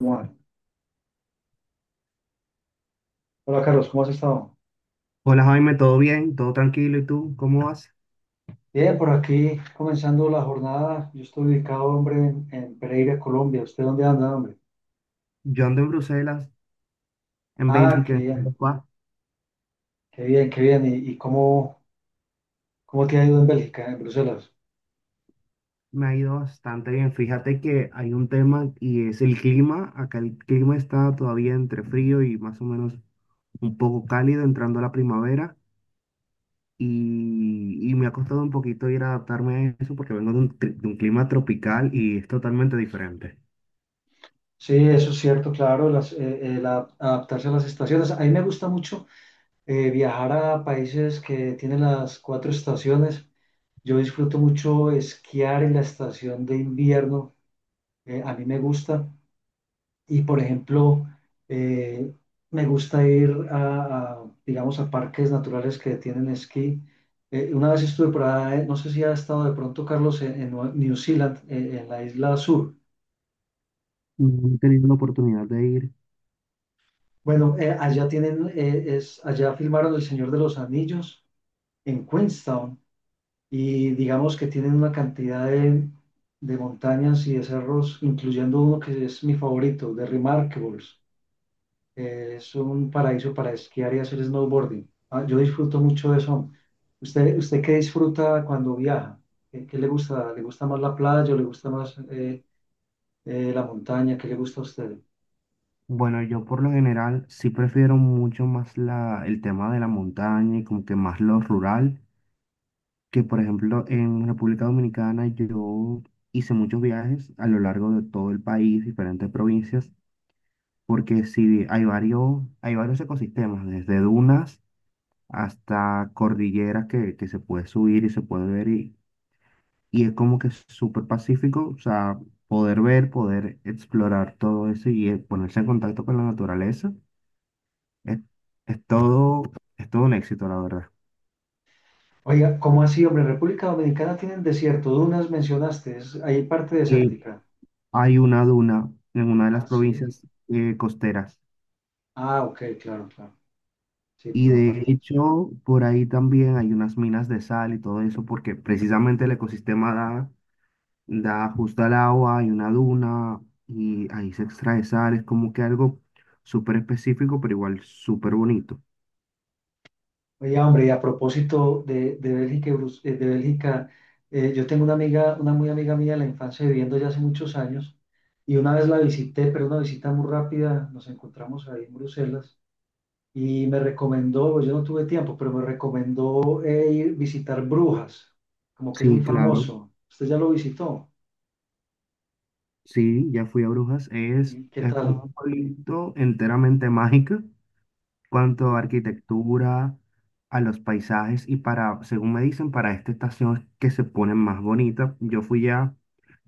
Omar. Hola Carlos, ¿cómo has estado? Hola Jaime, ¿todo bien? ¿Todo tranquilo? ¿Y tú? ¿Cómo vas? Bien, por aquí comenzando la jornada. Yo estoy ubicado, hombre, en Pereira, Colombia. ¿Usted dónde anda, hombre? Yo ando en Bruselas, en Ah, qué Bélgica, en bien, Europa. qué bien, qué bien. ¿Y cómo te ha ido en Bélgica, en Bruselas? Me ha ido bastante bien. Fíjate que hay un tema y es el clima. Acá el clima está todavía entre frío y más o menos un poco cálido entrando a la primavera. Y me ha costado un poquito ir a adaptarme a eso porque vengo de un, de un clima tropical y es totalmente diferente. Sí, eso es cierto, claro, adaptarse a las estaciones. A mí me gusta mucho viajar a países que tienen las cuatro estaciones. Yo disfruto mucho esquiar en la estación de invierno. A mí me gusta. Y por ejemplo, eh, me gusta ir digamos, a parques naturales que tienen esquí. Una vez estuve por ahí, no sé si ha estado de pronto, Carlos, en New Zealand, en la isla sur. No he tenido la oportunidad de ir. Bueno, allá filmaron El Señor de los Anillos en Queenstown y digamos que tienen una cantidad de montañas y de cerros, incluyendo uno que es mi favorito, de Remarkables. Es un paraíso para esquiar y hacer snowboarding. Ah, yo disfruto mucho de eso. ¿Usted qué disfruta cuando viaja? ¿Qué le gusta? ¿Le gusta más la playa o le gusta más la montaña? ¿Qué le gusta a usted? Bueno, yo por lo general sí prefiero mucho más la, el tema de la montaña y como que más lo rural, que por ejemplo en República Dominicana yo hice muchos viajes a lo largo de todo el país, diferentes provincias, porque sí hay varios ecosistemas, desde dunas hasta cordilleras que se puede subir y se puede ver, y es como que súper pacífico. O sea, poder ver, poder explorar todo eso y ponerse en contacto con la naturaleza. Es, es todo, es todo un éxito, la verdad. Oiga, ¿cómo así, hombre? República Dominicana tienen desierto, dunas mencionaste, es, hay parte Que desértica. hay una duna en una de las Ah, sí. provincias costeras. Ah, ok, claro, claro. Sí, Y por la de parte. hecho, por ahí también hay unas minas de sal y todo eso, porque precisamente el ecosistema da, da justo al agua, hay una duna y ahí se extrae sal. Es como que algo súper específico, pero igual súper bonito. Oye, hombre, y a propósito de Bélgica, yo tengo una amiga, una muy amiga mía de la infancia viviendo ya hace muchos años, y una vez la visité, pero una visita muy rápida, nos encontramos ahí en Bruselas, y me recomendó, pues, yo no tuve tiempo, pero me recomendó ir visitar Brujas, como que es Sí, muy claro. famoso. ¿Usted ya lo visitó? Sí, ya fui a Brujas. ¿Y qué Es como tal? un pueblito enteramente mágico. Cuanto a Sí. arquitectura, a los paisajes y para, según me dicen, para esta estación es que se ponen más bonitas. Yo fui ya,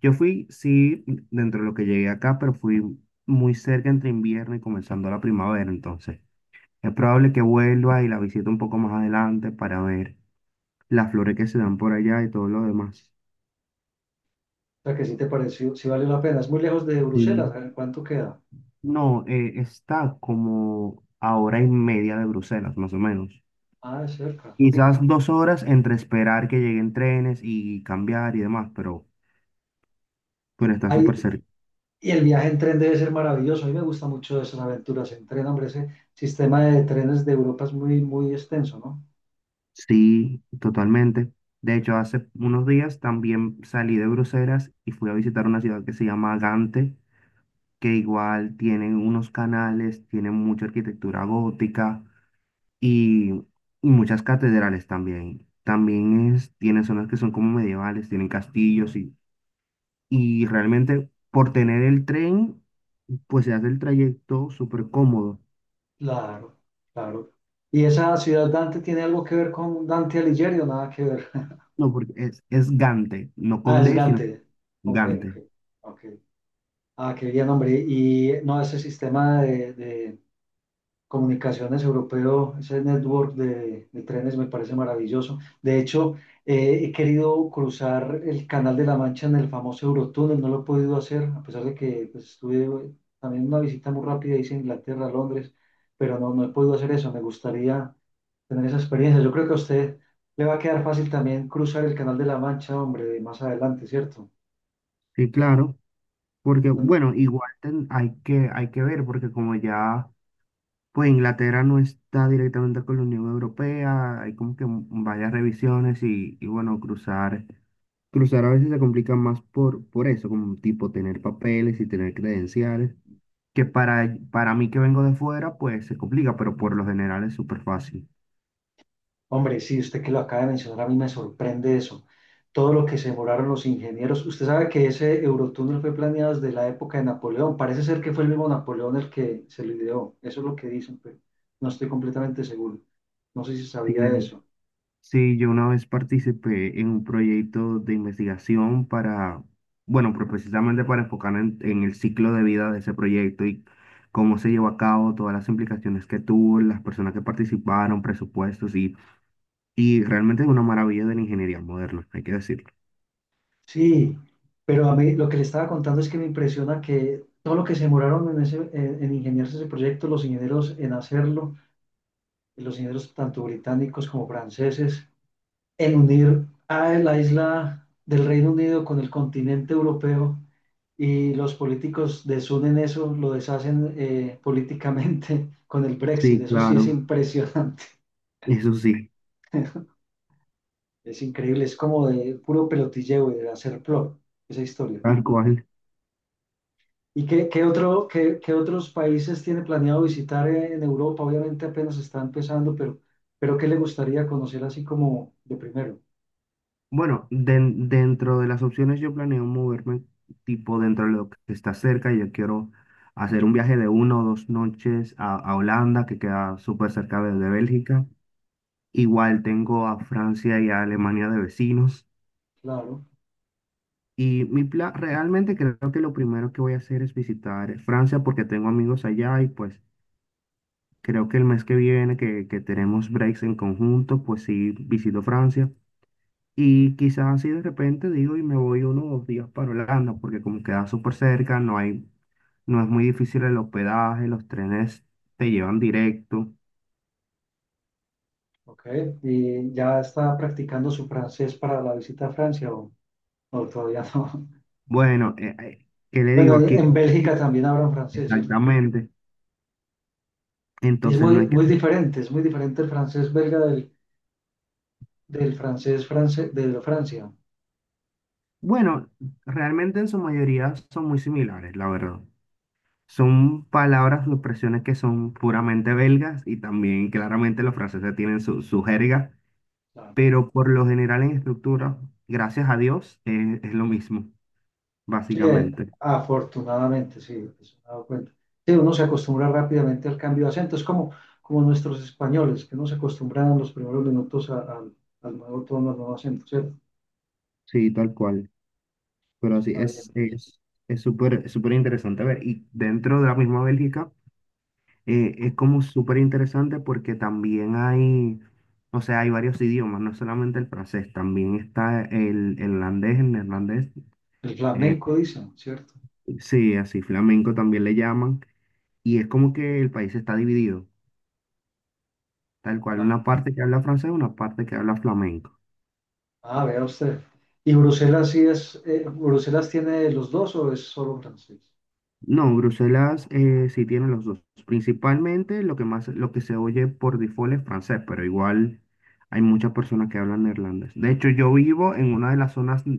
yo fui, sí, dentro de lo que llegué acá, pero fui muy cerca entre invierno y comenzando la primavera, entonces es probable que vuelva y la visite un poco más adelante para ver las flores que se dan por allá y todo lo demás. O sea, que sí te pareció, sí vale la pena. Es muy lejos de Bruselas, Sí. a ver, ¿cuánto queda? No, está como a hora y media de Bruselas, más o menos. Ah, es cerca. Quizás dos horas entre esperar que lleguen trenes y cambiar y demás, pero está súper cerca. Y el viaje en tren debe ser maravilloso. A mí me gusta mucho esas aventuras en tren, hombre. Ese sistema de trenes de Europa es muy, muy extenso, ¿no? Sí, totalmente. De hecho, hace unos días también salí de Bruselas y fui a visitar una ciudad que se llama Gante, que igual tienen unos canales, tienen mucha arquitectura gótica y, y muchas catedrales también. También es, tiene zonas que son como medievales, tienen castillos y realmente por tener el tren, pues se hace el trayecto súper cómodo. Claro, claro. ¿Y esa ciudad Dante tiene algo que ver con Dante Alighieri o nada que ver? No, porque es Gante, no Ah, con es D, sino Dante con G, ok. Gante. Ok. Ah, qué bien, hombre. Y no, ese sistema de Comunicaciones Europeo, ese network de trenes me parece maravilloso. De hecho, he querido cruzar el Canal de la Mancha en el famoso Eurotúnel, no lo he podido hacer, a pesar de que pues, estuve también una visita muy rápida, hice Inglaterra, Londres, pero no he podido hacer eso. Me gustaría tener esa experiencia. Yo creo que a usted le va a quedar fácil también cruzar el Canal de la Mancha, hombre, más adelante, ¿cierto? Sí, claro, porque bueno, igual hay que ver, porque como ya, pues Inglaterra no está directamente con la Unión Europea, hay como que varias revisiones y bueno, cruzar, cruzar a veces se complica más por eso, como tipo tener papeles y tener credenciales. Que para mí que vengo de fuera, pues se complica, pero por lo general es súper fácil. Hombre, sí, usted que lo acaba de mencionar, a mí me sorprende eso. Todo lo que se demoraron los ingenieros. Usted sabe que ese Eurotúnel fue planeado desde la época de Napoleón. Parece ser que fue el mismo Napoleón el que se lo ideó. Eso es lo que dicen, pero no estoy completamente seguro. No sé si Sí, sabía de- eso. sí, yo una vez participé en un proyecto de investigación para, bueno, pues precisamente para enfocar en el ciclo de vida de ese proyecto y cómo se llevó a cabo, todas las implicaciones que tuvo, las personas que participaron, presupuestos, y realmente es una maravilla de la ingeniería moderna, hay que decirlo. Sí, pero a mí lo que le estaba contando es que me impresiona que todo lo que se demoraron en ingeniarse ese proyecto, los ingenieros en hacerlo, los ingenieros tanto británicos como franceses, en unir a la isla del Reino Unido con el continente europeo y los políticos desunen eso, lo deshacen políticamente con el Brexit. Sí, Eso sí es claro, impresionante, eso sí, es increíble, es como de puro pelotilleo y de hacer plot esa historia. tal cual. ¿Y qué, qué otros países tiene planeado visitar en Europa? Obviamente apenas está empezando, pero ¿qué le gustaría conocer así como de primero? Bueno, dentro de las opciones yo planeo moverme tipo dentro de lo que está cerca. Yo quiero hacer un viaje de una o dos noches a Holanda, que queda súper cerca Ah, de ok. Bélgica. Igual tengo a Francia y a Alemania de vecinos. Claro. Y mi plan, realmente creo que lo primero que voy a hacer es visitar Francia porque tengo amigos allá y pues creo que el mes que viene que tenemos breaks en conjunto, pues sí visito Francia. Y quizás así de repente digo y me voy unos dos días para Holanda, porque como queda súper cerca, no hay, no es muy difícil el hospedaje, los trenes te llevan directo. Ok, ¿y ya está practicando su francés para la visita a Francia o todavía no? Bueno, ¿qué le Bueno, digo en aquí? en Bélgica también hablan francés, ¿cierto? Exactamente. Y es Entonces no muy, hay que... muy diferente, es muy diferente el francés belga del francés france, de Francia. Bueno, realmente en su mayoría son muy similares, la verdad. Son palabras o expresiones que son puramente belgas y también claramente los franceses tienen su, su jerga, Claro. pero por lo general en estructura, gracias a Dios, es lo mismo, Sí, básicamente. afortunadamente, sí, eso me he dado cuenta. Sí, uno se acostumbra rápidamente al cambio de acento, es como, como nuestros españoles, que no se acostumbran en los primeros minutos al nuevo tono, al nuevo acento, ¿cierto? Sí, tal cual. Pero Eso así está bien. es, es súper, súper interesante ver. Y dentro de la misma Bélgica, es como súper interesante porque también hay, o sea, hay varios idiomas, no solamente el francés, también está el holandés, el neerlandés. El eh, flamenco, dicen, ¿cierto? sí, así flamenco también le llaman. Y es como que el país está dividido, tal cual, Ah, una parte que habla francés, una parte que habla flamenco. ah, vea usted. ¿Y Bruselas sí es, Bruselas tiene los dos o es solo francés? No, Bruselas sí tiene los dos. Principalmente lo que más, lo que se oye por default es francés, pero igual hay muchas personas que hablan neerlandés. De hecho, yo vivo en una de las zonas mm,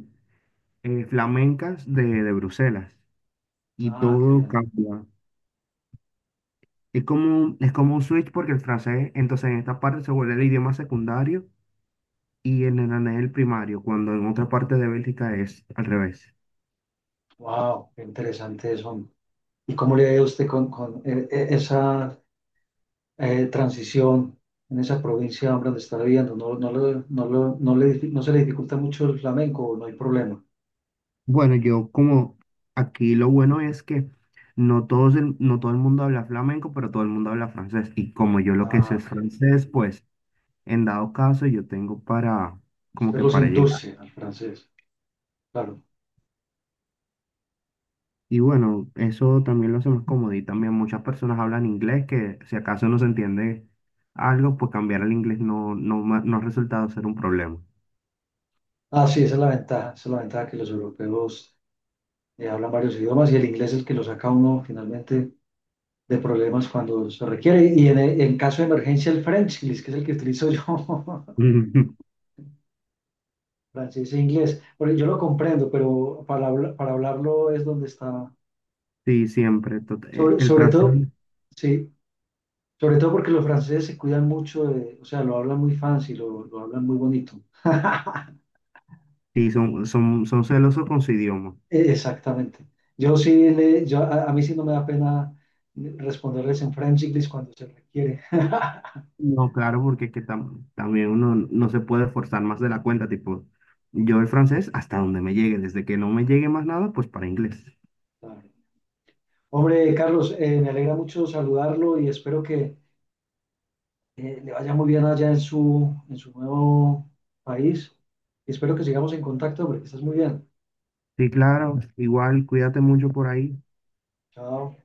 eh, flamencas de Bruselas y Ah, qué todo bien. cambia. Es como, es como un switch porque el francés, entonces en esta parte se vuelve el idioma secundario y el neerlandés el primario, cuando en otra parte de Bélgica es al revés. Wow, qué interesante eso. ¿Y cómo le ha ido a usted con esa transición en esa provincia hombre, donde está viviendo? ¿ No se le dificulta mucho el flamenco o no hay problema? Bueno, yo como aquí lo bueno es que no todo el mundo habla flamenco, pero todo el mundo habla francés. Y como yo lo que Ah, sé es ok. francés, pues en dado caso yo tengo para, como Usted que los para llegar. induce al francés, claro. Y bueno, eso también lo hace más cómodo. Y también muchas personas hablan inglés que si acaso no se entiende algo, pues cambiar al inglés no ha resultado ser un problema. Ah, sí, esa es la ventaja, esa es la ventaja que los europeos hablan varios idiomas y el inglés es el que lo saca a uno finalmente de problemas cuando se requiere. Y en caso de emergencia, el Frenchlis, que es el que utilizo yo, francés e inglés. Bueno, yo lo comprendo, pero para hablarlo es donde está. Sí, siempre. Sobre, El sobre todo, francés, sí, sobre todo porque los franceses se cuidan mucho, de- o sea, lo hablan muy fancy, lo hablan muy bonito. sí, son celosos con su idioma. E- exactamente. Yo sí, a mí sí no me da pena responderles en Frenchlis cuando se requiere. No, claro, porque es que también uno no se puede forzar más de la cuenta, tipo, yo el francés hasta donde me llegue, desde que no me llegue más nada, pues para inglés. Hombre, Carlos, me alegra mucho saludarlo y espero que le vaya muy bien allá en su nuevo país. Y espero que sigamos en contacto, porque estás muy bien. Sí, claro, igual, cuídate mucho por ahí. Chao.